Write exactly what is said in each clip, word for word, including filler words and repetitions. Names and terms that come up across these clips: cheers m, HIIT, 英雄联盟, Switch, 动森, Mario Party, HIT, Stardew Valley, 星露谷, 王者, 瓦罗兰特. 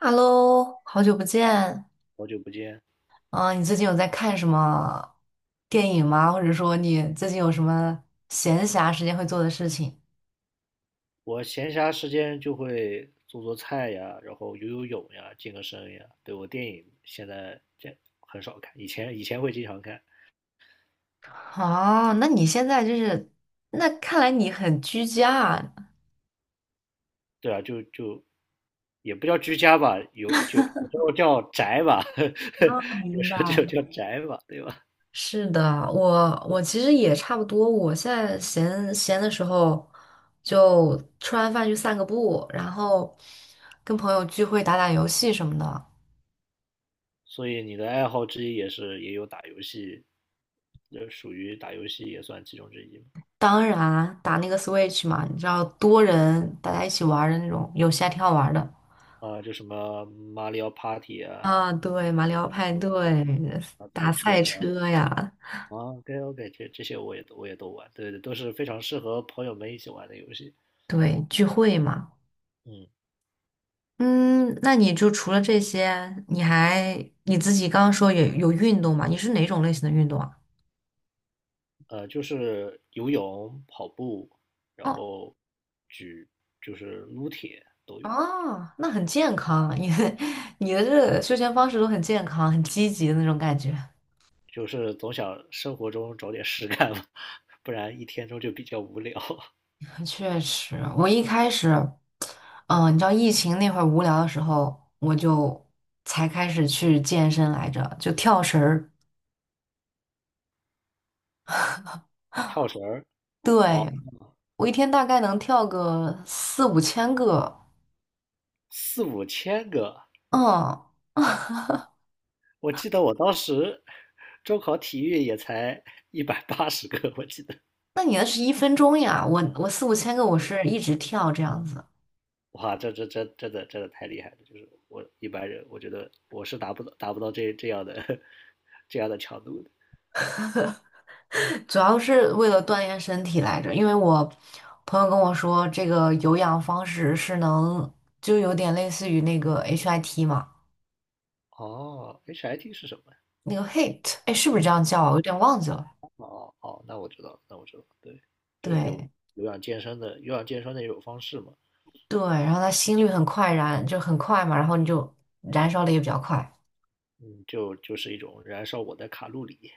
Hello，好久不见。好久不见，啊！你最近有在看什么电影吗？或者说你最近有什么闲暇时间会做的事情？我闲暇时间就会做做菜呀，然后游游泳呀，健个身呀。对，我电影现在这很少看，以前以前会经常看。哦，那你现在就是，那看来你很居家啊。对啊，就就也不叫居家吧，有就有时候叫宅吧，哦 有明白，时候就叫宅吧，对吧？是的，我我其实也差不多。我现在闲闲的时候，就吃完饭去散个步，然后跟朋友聚会、打打游戏什么的。所以你的爱好之一也是也有打游戏，这属于打游戏也算其中之一嘛。当然啊打那个 Switch 嘛，你知道多人大家一起玩儿的那种，有线挺好玩儿的。啊，就什么马里奥 Party 啊，啊，对，马里奥派对，啊赛打车赛呀。车呀，啊，OK OK,这这些我也都我也都玩，对对，都是非常适合朋友们一起玩的游戏。对，聚会嘛。嗯，嗯，那你就除了这些，你还你自己刚刚说有有运动嘛？你是哪种类型的运动啊？呃，就是游泳、跑步，然哦后举就是撸铁都有，哦，那很健康，你的 你的这个休闲方式都很健康，很积极的那种感觉。就是总想生活中找点事干嘛，不然一天中就比较无聊。确实，我一开始，嗯、你知道疫情那会儿无聊的时候，我就才开始去健身来着，就跳绳儿。跳绳儿，哦，对，我一天大概能跳个四五千个。四五千个，嗯，我记得我当时中考体育也才一百八十个，我记得。那你那是一分钟呀？我我四五千个，我是一直跳这样子，哇，这这这真的真的太厉害了！就是我一般人，我觉得我是达不到达不到这这样的 这样的强度的。主要是为了锻炼身体来着。因为我朋友跟我说，这个有氧方式是能，就有点类似于那个 H I T 嘛，哦，H I T 是什么呀？那个 H I T，哎，是不是这样叫啊我有点忘记了。哦哦，那我知道了，那我知道了，对，就有对有氧健身的有氧健身的一种方式嘛，对，然后它心率很快燃，就很快嘛，然后你就燃烧的也比较快。嗯，就就是一种燃烧我的卡路里。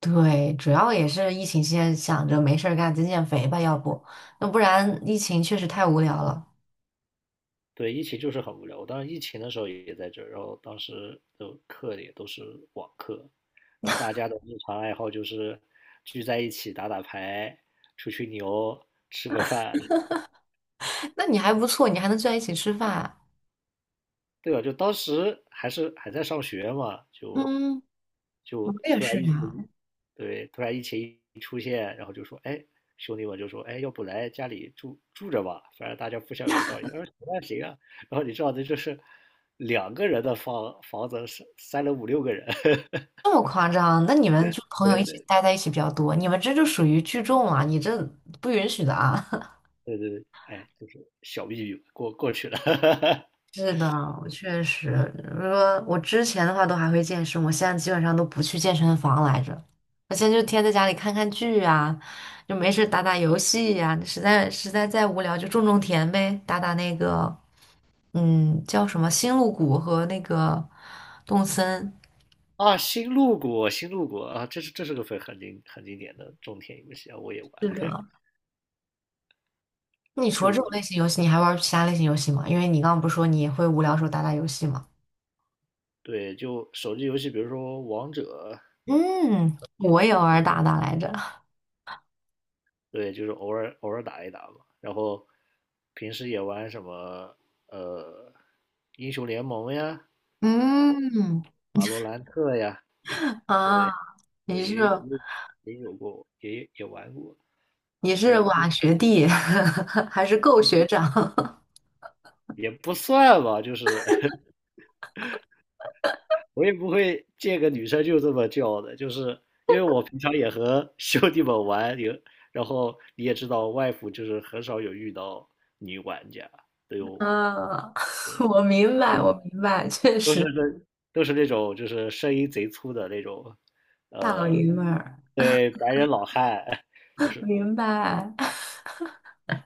对，主要也是疫情期间想着没事儿干，减减肥吧，要不那不然疫情确实太无聊了。对，疫情就是很无聊。我当时疫情的时候也在这儿，然后当时的课也都是网课，然后大家的日常爱好就是聚在一起打打牌、吹吹牛、吃个饭，那你还不错，你还能聚在一起吃饭。对吧？就当时还是还在上学嘛，就嗯，我就也突然是疫呀，情，对，突然疫情一出现，然后就说，哎，兄弟们就说，哎，要不来家里住住着吧，反正大家互相有笼罩也。我说行啊行啊，然后你知道的就是两个人的房房子塞塞了五六个人，这么夸张？那你们就朋友一对起对待在一起比较多，你们这就属于聚众啊，你这不允许的啊。对对对，哎，就是小秘密过过去了。是的，我确实，如果我之前的话都还会健身，我现在基本上都不去健身房来着。我现在就天天在家里看看剧啊，就没事打打游戏呀、实在实在再无聊就种种田呗，打打那个嗯叫什么星露谷和那个动森。啊，新路谷，新路谷啊，这是这是个很很经很经典的种田游戏啊，我也是的，玩。那你除了这种类型游戏，你还玩其他类型游戏吗？因为你刚刚不是说你也会无聊的时候打打游戏吗？对，就手机游戏，比如说王者，嗯，我也偶尔打打来着。对，就是偶尔偶尔打一打嘛。然后平时也玩什么呃英雄联盟呀、嗯瓦罗兰特呀，啊，你对，是？也也也有过，也也玩过，你就是是瓦学弟 还是够学长？也不算吧，就是 我也不会见个女生就这么叫的，就是因为我平常也和 兄弟们玩，有，然后你也知道，外服就是很少有遇到女玩家，对我。啊，我明白，我明白，确都是实这都是那种就是声音贼粗的那种，大老呃，爷们儿，对白人老汉，就 是明白。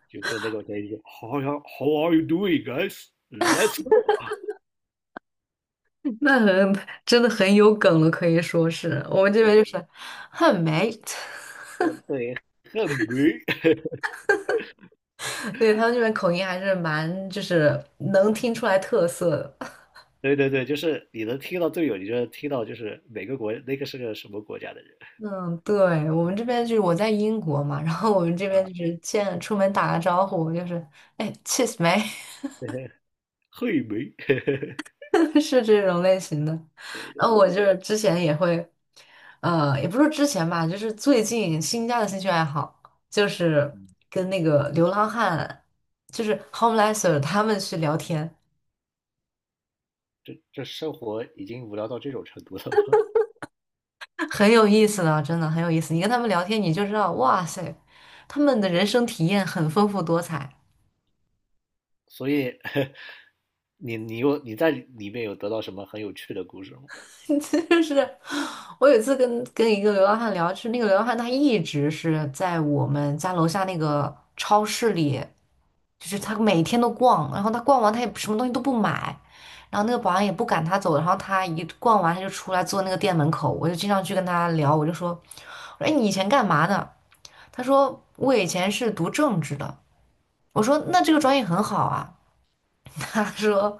就是那种声音，How are How are you doing, guys? Let's go. 那很真的很有梗了，可以说是我们这边就是 很 mate，呃对，很美。对他们这边口音还是蛮就是能听出来特色的。对对对，就是你能听到队友，你就能听到就是每个国那个是个什么国家的人，嗯，对，我们这边就是我在英国嘛，然后我们这边就是见出门打个招呼就是哎，cheers m 嘿没，对 是这种类型的。对，然后我就是之前也会，呃，也不是之前吧，就是最近新加的兴趣爱好，就是跟那个流浪汉，就是 homelesser 他们去聊天，这这生活已经无聊到这种程度了吗？很有意思的，真的很有意思。你跟他们聊天，你就知道，哇塞，他们的人生体验很丰富多彩。所以 你你有你在里面有得到什么很有趣的故事吗？就是我有一次跟跟一个流浪汉聊，就是那个流浪汉他一直是在我们家楼下那个超市里。就是他每天都逛，然后他逛完他也什么东西都不买，然后那个保安也不赶他走，然后他一逛完他就出来坐那个店门口，我就经常去跟他聊，我就说，我说哎你以前干嘛的？他说我以前是读政治的，我说那这个专业很好啊，他说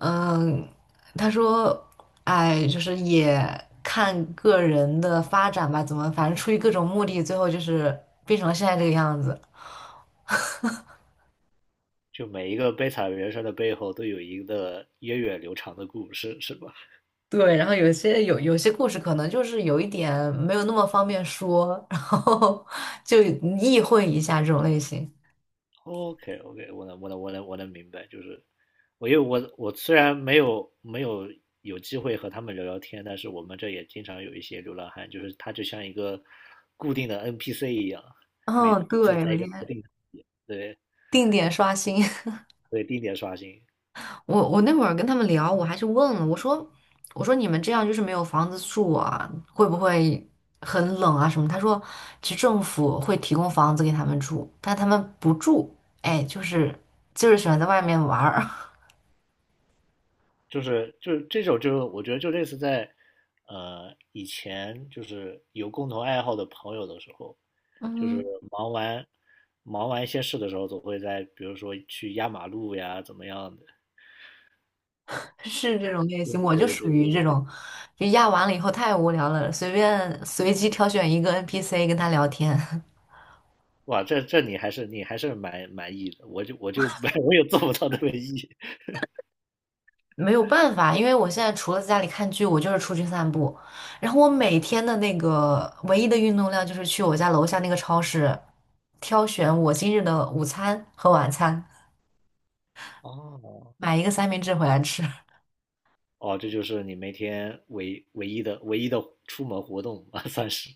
嗯，他说哎就是也看个人的发展吧，怎么反正出于各种目的，最后就是变成了现在这个样子。就每一个悲惨人生的背后都有一个源远流长的故事，是吧对，然后有些有有些故事可能就是有一点没有那么方便说，然后 就意会一下这种类型。？OK OK,我能我能我能我能明白，就是我因为我我虽然没有没有有机会和他们聊聊天，但是我们这也经常有一些流浪汉，就是他就像一个固定的 N P C 一样，每嗯，次对，在每一个天特定的，对定点刷新。对，定点刷新，我我那会儿跟他们聊，我还去问了，我说我说你们这样就是没有房子住啊，会不会很冷啊什么？他说其实政府会提供房子给他们住，但他们不住，哎，就是就是喜欢在外面玩儿。就是就是这种就是我觉得就类似在呃以前就是有共同爱好的朋友的时候。就是 忙完忙完一些事的时候，总会在比如说去压马路呀，怎么样的。是这种类嗯型，我就对属对于对，这种，就压完了以后太无聊了，随便随机挑选一个 N P C 跟他聊天，哇，这这你还是你还是蛮满意的，我就我就 我也做不到那么 E。没有办法，因为我现在除了在家里看剧，我就是出去散步，然后我每天的那个唯一的运动量就是去我家楼下那个超市挑选我今日的午餐和晚餐，哦买一个三明治回来吃。哦，这就是你每天唯唯一的唯一的出门活动吧，算是。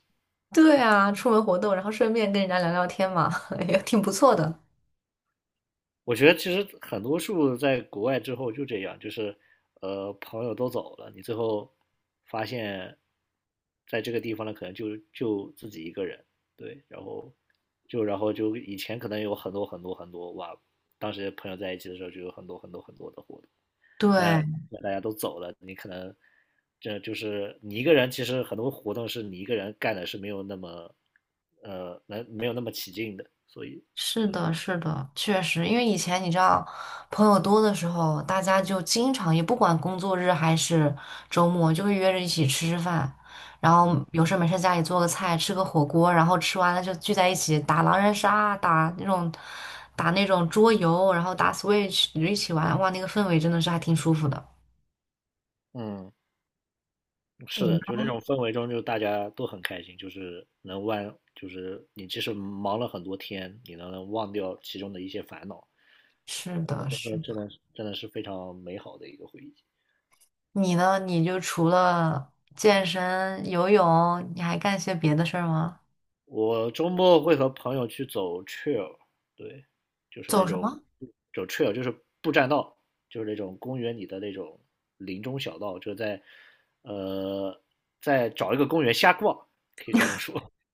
对啊，出门活动，然后顺便跟人家聊聊天嘛，也挺不错的。我觉得其实很多数在国外之后就这样，就是呃朋友都走了，你最后发现在这个地方呢，可能就就自己一个人，对，然后就然后就以前可能有很多很多很多哇，当时朋友在一起的时候就有很多很多很多的活动，对，但大家都走了，你可能这就是你一个人，其实很多活动是你一个人干的是没有那么呃能没有那么起劲的，所以。是嗯的，是的，确实，因为以前你知道，朋友多的时候，大家就经常也不管工作日还是周末，就会约着一起吃吃饭，然后嗯有事没事家里做个菜，吃个火锅，然后吃完了就聚在一起打狼人杀，打那种打那种桌游，然后打 Switch 一起玩，哇，那个氛围真的是还挺舒服的。嗯。是嗯。的，就那种氛围中，就大家都很开心，就是能忘，就是你即使忙了很多天，你能能忘掉其中的一些烦恼，是可能的，真是的真的。的是真的是非常美好的一个回忆。你呢？你就除了健身、游泳，你还干些别的事儿吗？我周末会和朋友去走 trail，对，就是那走什种么？走 trail 就是步栈道，就是那种公园里的那种林中小道，就在呃在找一个公园瞎逛，可以这么说。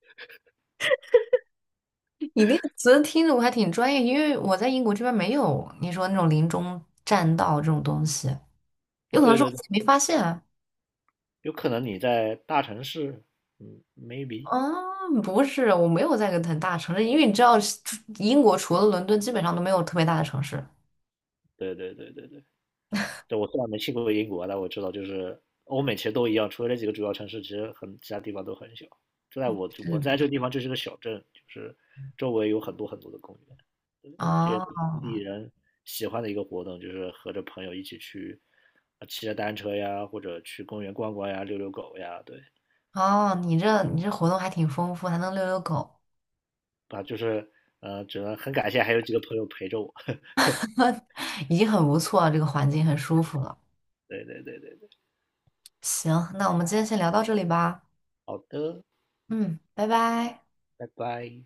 你那个词听着我还挺专业，因为我在英国这边没有你说那种林中栈道这种东西，有可能对是我对对，自己没发现啊。有可能你在大城市，嗯，maybe，嗯不是，我没有在一个很大城市，因为你知道，英国除了伦敦，基本上都没有特别大的城市。对对对对对，对，我虽然没去过英国，但我知道就是欧美其实都一样，除了这几个主要城市，其实很其他地方都很小。就在我我在这嗯，个地方就是个小镇，就是周围有很多很多的公园，这也是哦当地人喜欢的一个活动，就是和着朋友一起去，呃骑着单车呀，或者去公园逛逛呀，遛遛狗呀，对，哦，你这你这活动还挺丰富，还能遛遛狗，啊，就是呃，只能很感谢还有几个朋友陪着我。已经很不错了，这个环境很舒服了。对对对对对，行，那我们今天先聊到这里吧。好的，嗯，拜拜。拜拜。